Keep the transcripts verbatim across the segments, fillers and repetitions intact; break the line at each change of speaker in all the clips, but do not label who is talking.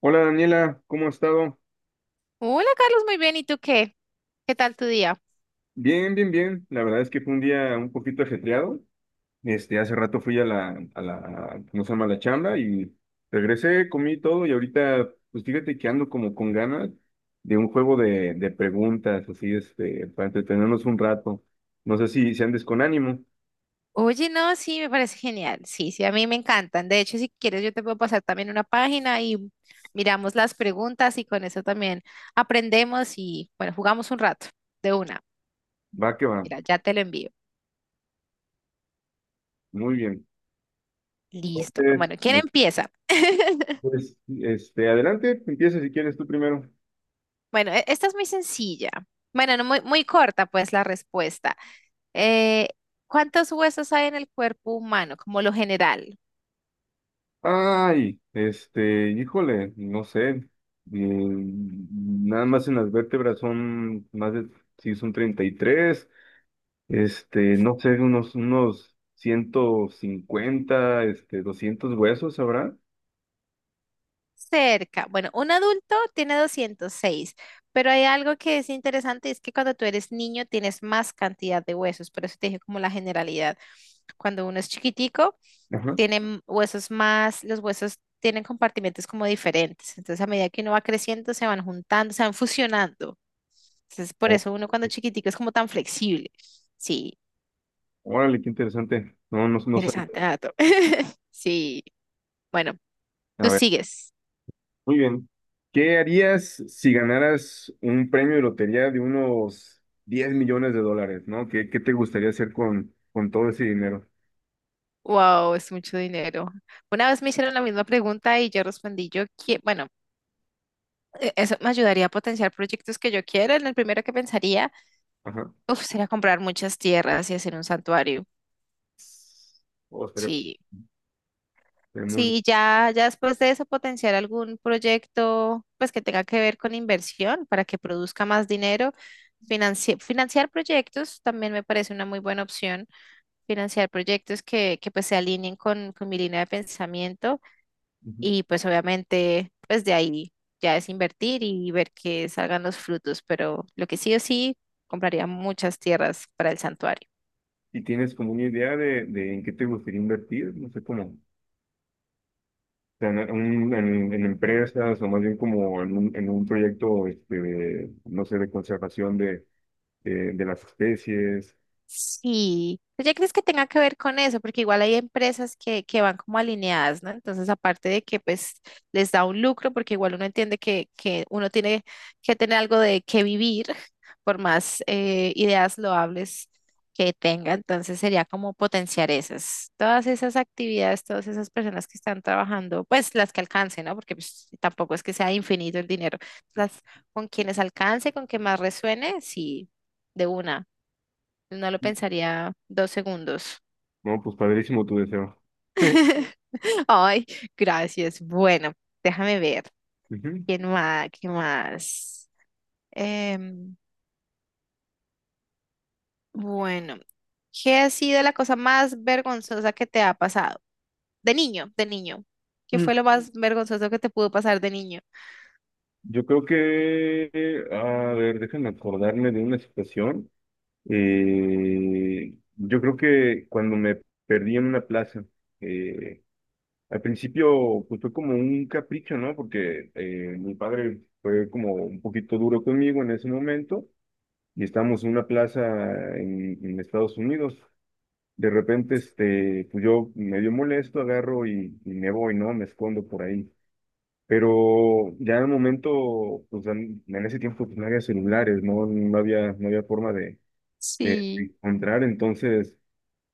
Hola Daniela, ¿cómo has estado?
Hola Carlos, muy bien. ¿Y tú qué? ¿Qué tal tu día?
Bien, bien, bien. La verdad es que fue un día un poquito ajetreado. Este, hace rato fui a la, a la, ¿cómo se llama? La chamba y regresé, comí todo y ahorita, pues fíjate que ando como con ganas de un juego de, de preguntas, así, este, para entretenernos un rato. No sé si, si andes con ánimo.
Oye, no, sí, me parece genial. Sí, sí, a mí me encantan. De hecho, si quieres, yo te puedo pasar también una página y miramos las preguntas y con eso también aprendemos y, bueno, jugamos un rato de una.
Va que va.
Mira, ya te lo envío.
Muy bien.
Listo.
Entonces,
Bueno, ¿quién
me-
empieza?
pues, este, adelante, empieza si quieres tú primero.
Bueno, e- esta es muy sencilla. Bueno, no, muy, muy corta, pues, la respuesta. Eh, ¿cuántos huesos hay en el cuerpo humano, como lo general?
Ay, este, híjole, no sé. Eh, nada más en las vértebras son más de, sí, son treinta y tres. Este, no sé, unos, unos ciento cincuenta, este, doscientos huesos habrá.
Cerca. Bueno, un adulto tiene doscientos seis, pero hay algo que es interesante, es que cuando tú eres niño tienes más cantidad de huesos, por eso te dije como la generalidad. Cuando uno es chiquitico,
Ajá.
tienen huesos más, los huesos tienen compartimentos como diferentes, entonces a medida que uno va creciendo se van juntando, se van fusionando. Entonces, por
O-
eso uno cuando chiquitico es como tan flexible. Sí,
Órale, qué interesante. No, no, no sabía.
interesante dato. Sí, bueno,
A
tú
ver,
sigues.
muy bien. ¿Qué harías si ganaras un premio de lotería de unos diez millones de dólares, ¿no? ¿Qué, qué te gustaría hacer con, con todo ese dinero?
Wow, es mucho dinero. Una vez me hicieron la misma pregunta y yo respondí, yo que, bueno, e- eso me ayudaría a potenciar proyectos que yo quiera. En el primero que pensaría, uf, sería comprar muchas tierras y hacer un santuario.
O sea,
Sí,
tenemos-
sí, ya, ya después de eso potenciar algún proyecto, pues que tenga que ver con inversión para que produzca más dinero. Financi- financiar proyectos también me parece una muy buena opción. Financiar proyectos que, que pues se alineen con, con mi línea de pensamiento.
ujú.
Y pues obviamente, pues de ahí ya es invertir y ver que salgan los frutos, pero lo que sí o sí, compraría muchas tierras para el santuario.
¿Y tienes como una idea de, de en qué te gustaría invertir? No sé cómo. O sea, en, un- en- en empresas o más bien como en un, en un proyecto, este, de, no sé, de conservación de, de, de las especies.
Sí, ¿tú ya crees que tenga que ver con eso? Porque igual hay empresas que, que van como alineadas, ¿no? Entonces, aparte de que pues les da un lucro, porque igual uno entiende que, que uno tiene que tener algo de qué vivir, por más eh, ideas loables que tenga, entonces sería como potenciar esas, todas esas actividades, todas esas personas que están trabajando, pues las que alcance, ¿no? Porque pues, tampoco es que sea infinito el dinero, las con quienes alcance, con que más resuene, sí, de una. No lo pensaría dos segundos.
No, pues padrísimo tu deseo.
Ay, gracias. Bueno, déjame ver.
Ujú.
¿Quién más? ¿Qué más? Em, bueno, ¿qué ha sido la cosa más vergonzosa que te ha pasado? De niño, de niño. ¿Qué
Mm.
fue lo más vergonzoso que te pudo pasar de niño?
Yo creo que, a ver, déjame acordarme de una situación. Eh, yo creo que cuando me perdí en una plaza, eh, al principio, pues fue como un capricho, ¿no? Porque eh, mi padre fue como un poquito duro conmigo en ese momento y estábamos en una plaza en, en Estados Unidos. De repente, este, pues yo medio molesto, agarro y, y me voy, ¿no? Me escondo por ahí. Pero ya en el momento, pues en, en ese tiempo pues, no había celulares, ¿no? No había, no había forma de, de
Sí.
encontrar. Entonces,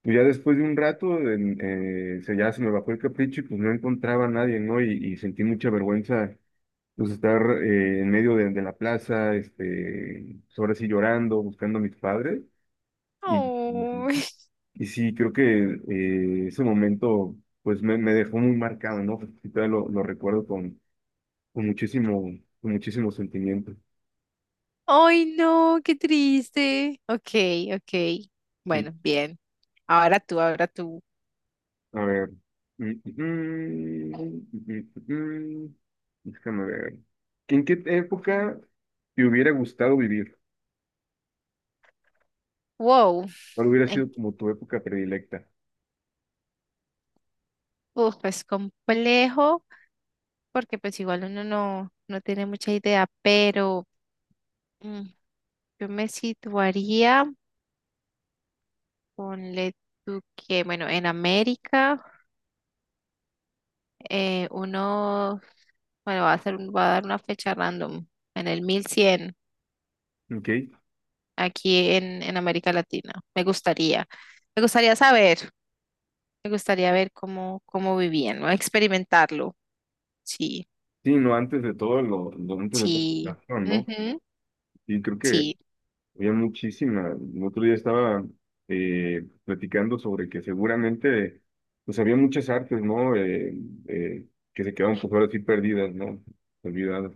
pues ya después de un rato en- eh, se, ya se me bajó el capricho y pues no encontraba a nadie, ¿no? Y, y sentí mucha vergüenza, pues estar eh, en medio de, de la plaza, este, pues, ahora sí llorando, buscando a mis padres. Y, y,
Ay,
y sí, creo que eh, ese momento, pues me, me dejó muy marcado, ¿no? Y todavía lo, lo recuerdo con, con muchísimo, con muchísimo sentimiento.
ay, no, qué triste. Ok, ok.
Sí.
Bueno, bien. Ahora tú, ahora tú.
A ver. Mm, mm, mm, mm, mm. mm, mm, mm, mm, mm, mm, mm, Déjame ver. ¿En qué época te hubiera gustado vivir?
Wow.
¿Cuál hubiera
en-
sido como tu época predilecta?
Uf, es complejo, porque pues igual uno no, no tiene mucha idea, pero mm, yo me situaría, ponle tú que, bueno, en América, eh, uno, bueno, va a hacer, un- va a dar una fecha random, en el mil cien
Ok.
aquí en, en América Latina. Me gustaría, me gustaría saber, me gustaría ver cómo, cómo vivían, ¿no? Experimentarlo, sí,
Sí, no, antes de todo, lo, lo antes de todo,
sí,
no, ¿no?
ujú,
Y creo que
sí.
había muchísima. El otro día estaba eh, platicando sobre que seguramente, pues había muchas artes, ¿no? Eh, eh, que se quedaron pues ahora sí perdidas, ¿no? Olvidadas.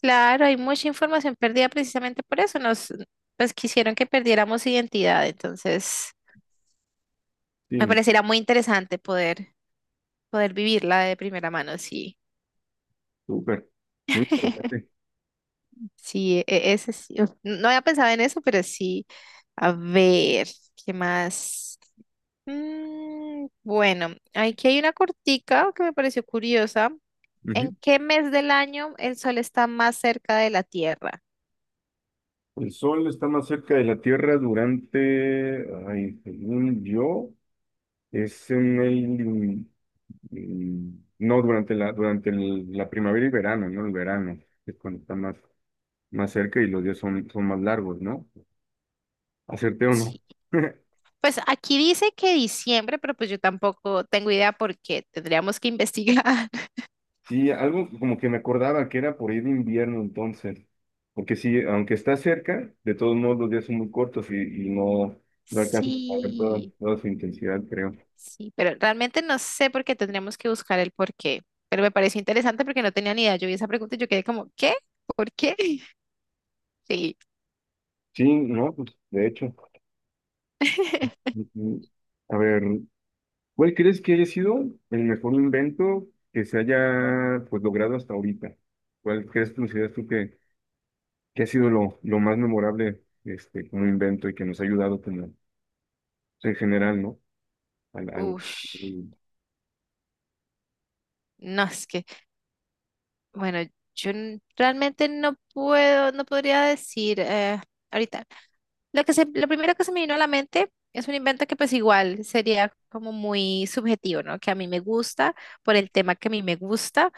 Claro, hay mucha información perdida precisamente por eso. Nos, pues quisieron que perdiéramos identidad, entonces me
Sí,
pareciera muy interesante poder, poder vivirla de primera mano. Sí,
súper. Muy interesante.
sí, e- ese sí. Uf, no había pensado en eso, pero sí. A ver, ¿qué más? Mm, bueno, aquí hay una cortica que me pareció curiosa. ¿En qué mes del año el sol está más cerca de la Tierra?
El Sol está más cerca de la Tierra durante, ay, según yo, es en el, in- in- no, durante la, durante el- la primavera y verano, ¿no? El verano es cuando está más, más cerca y los días son, son más largos, ¿no? ¿Acerté o
Sí,
no?
pues aquí dice que diciembre, pero pues yo tampoco tengo idea porque tendríamos que investigar.
Sí, algo como que me acordaba que era por ahí de invierno entonces, porque sí, aunque está cerca, de todos modos los días son muy cortos y, y no, no alcanza a ver toda,
Sí,
toda su intensidad, creo.
sí, pero realmente no sé por qué tendríamos que buscar el por qué. Pero me pareció interesante porque no tenía ni idea. Yo vi esa pregunta y yo quedé como, ¿qué? ¿Por qué? Sí.
Sí, no, pues de hecho. Ujú. A ver, ¿cuál crees que haya sido el mejor invento que se haya pues logrado hasta ahorita? ¿Cuál crees, consideras tú que, que ha sido lo, lo más memorable este, como invento y que nos ha ayudado como o sea, en general, ¿no? Al, al-
Uf,
al-
no, es que, bueno, yo n- realmente no puedo, no podría decir eh, ahorita. Lo que se, lo primero que se me vino a la mente es un invento que pues igual sería como muy subjetivo, ¿no? Que a mí me gusta por el tema que a mí me gusta,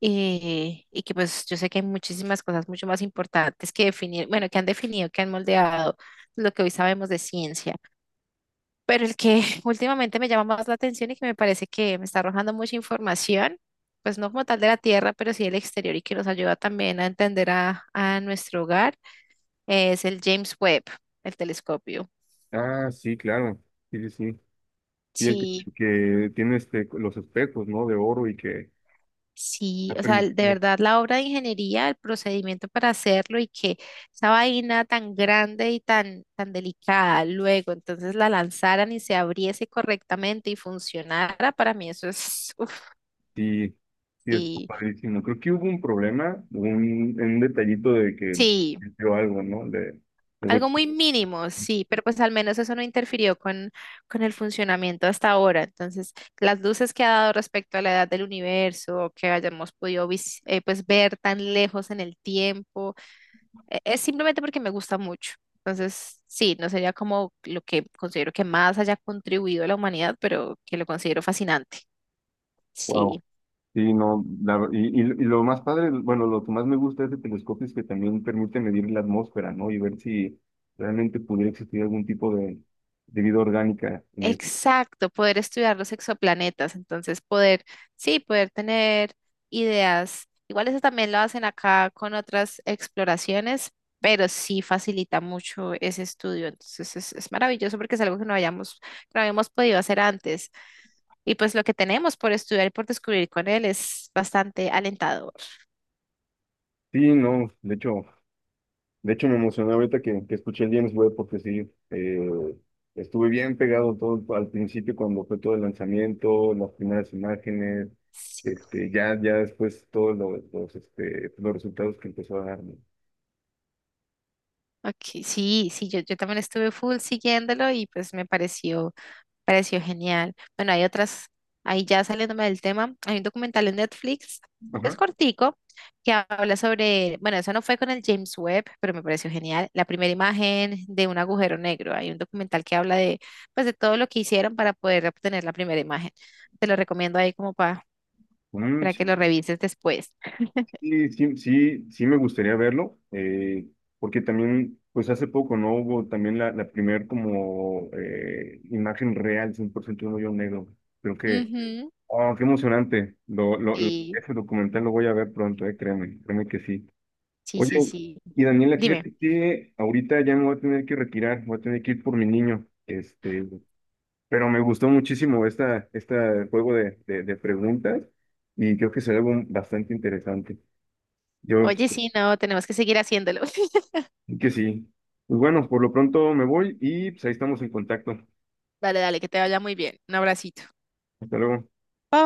eh, y que pues yo sé que hay muchísimas cosas mucho más importantes que definir, bueno, que han definido, que han moldeado lo que hoy sabemos de ciencia, pero el que últimamente me llama más la atención y que me parece que me está arrojando mucha información, pues no como tal de la Tierra, pero sí del exterior y que nos ayuda también a entender a, a nuestro hogar, es el James Webb, el telescopio.
Ah, sí, claro, sí, sí, sí. Y el que,
Sí,
que tiene este, los espejos, ¿no? De oro y que
sí,
ha
o sea, de
permitido,
verdad la obra de ingeniería, el procedimiento para hacerlo y que esa vaina tan grande y tan, tan delicada luego entonces la lanzaran y se abriese correctamente y funcionara, para mí eso es, uf,
sí, sí, es
sí,
padrísimo. Creo que hubo un problema, un, un detallito de que
sí,
dio algo, ¿no? De, de
algo
golpe.
muy mínimo, sí, pero pues al menos eso no interfirió con, con el funcionamiento hasta ahora. Entonces, las luces que ha dado respecto a la edad del universo, que hayamos podido vis- eh, pues ver tan lejos en el tiempo. e- Es simplemente porque me gusta mucho. Entonces, sí, no sería como lo que considero que más haya contribuido a la humanidad, pero que lo considero fascinante.
Wow.
Sí,
Sí, no, la- y, y- y lo más padre, bueno, lo que más me gusta de este telescopio es que también permite medir la atmósfera, ¿no? Y ver si realmente pudiera existir algún tipo de, de vida orgánica en este.
exacto, poder estudiar los exoplanetas, entonces poder, sí, poder tener ideas. Igual eso también lo hacen acá con otras exploraciones, pero sí facilita mucho ese estudio. Entonces es, es maravilloso porque es algo que no hayamos, que no habíamos podido hacer antes. Y pues lo que tenemos por estudiar y por descubrir con él es bastante alentador.
Sí, no, de hecho, de hecho me emocioné ahorita que, que escuché el James Webb porque sí, eh, estuve bien pegado todo al principio cuando fue todo el lanzamiento, las primeras imágenes,
Sí.
este, ya, ya después todos los, los, este, los resultados que empezó a dar, ¿no?
Ok, sí, sí, yo, yo también estuve full siguiéndolo y pues me pareció, pareció genial. Bueno, hay otras, ahí ya saliéndome del tema, hay un documental en Netflix, es
Ajá.
cortico, que habla sobre, bueno, eso no fue con el James Webb, pero me pareció genial, la primera imagen de un agujero negro. Hay un documental que habla de, pues, de todo lo que hicieron para poder obtener la primera imagen. Te lo recomiendo ahí como para, para que lo revises después.
Sí, sí, sí, sí me gustaría verlo, eh, porque también, pues hace poco, ¿no? Hubo también la, la primer como eh, imagen real, cien por ciento de un hoyo negro. Creo que,
Ujú,
oh, qué emocionante. Lo, lo, lo-
sí,
ese documental lo voy a ver pronto, eh, créeme, créeme que sí.
sí,
Oye,
sí, sí.
y Daniela,
Dime.
fíjate que ahorita ya me voy a tener que retirar, voy a tener que ir por mi niño, este, pero me gustó muchísimo esta, este juego de, de, de preguntas y creo que será algo bastante interesante. Yo
Oye, sí, no, tenemos que seguir haciéndolo.
que sí. Pues bueno, por lo pronto me voy y pues ahí estamos en contacto.
Dale, dale, que te vaya muy bien. Un abracito.
Hasta luego.
Bye.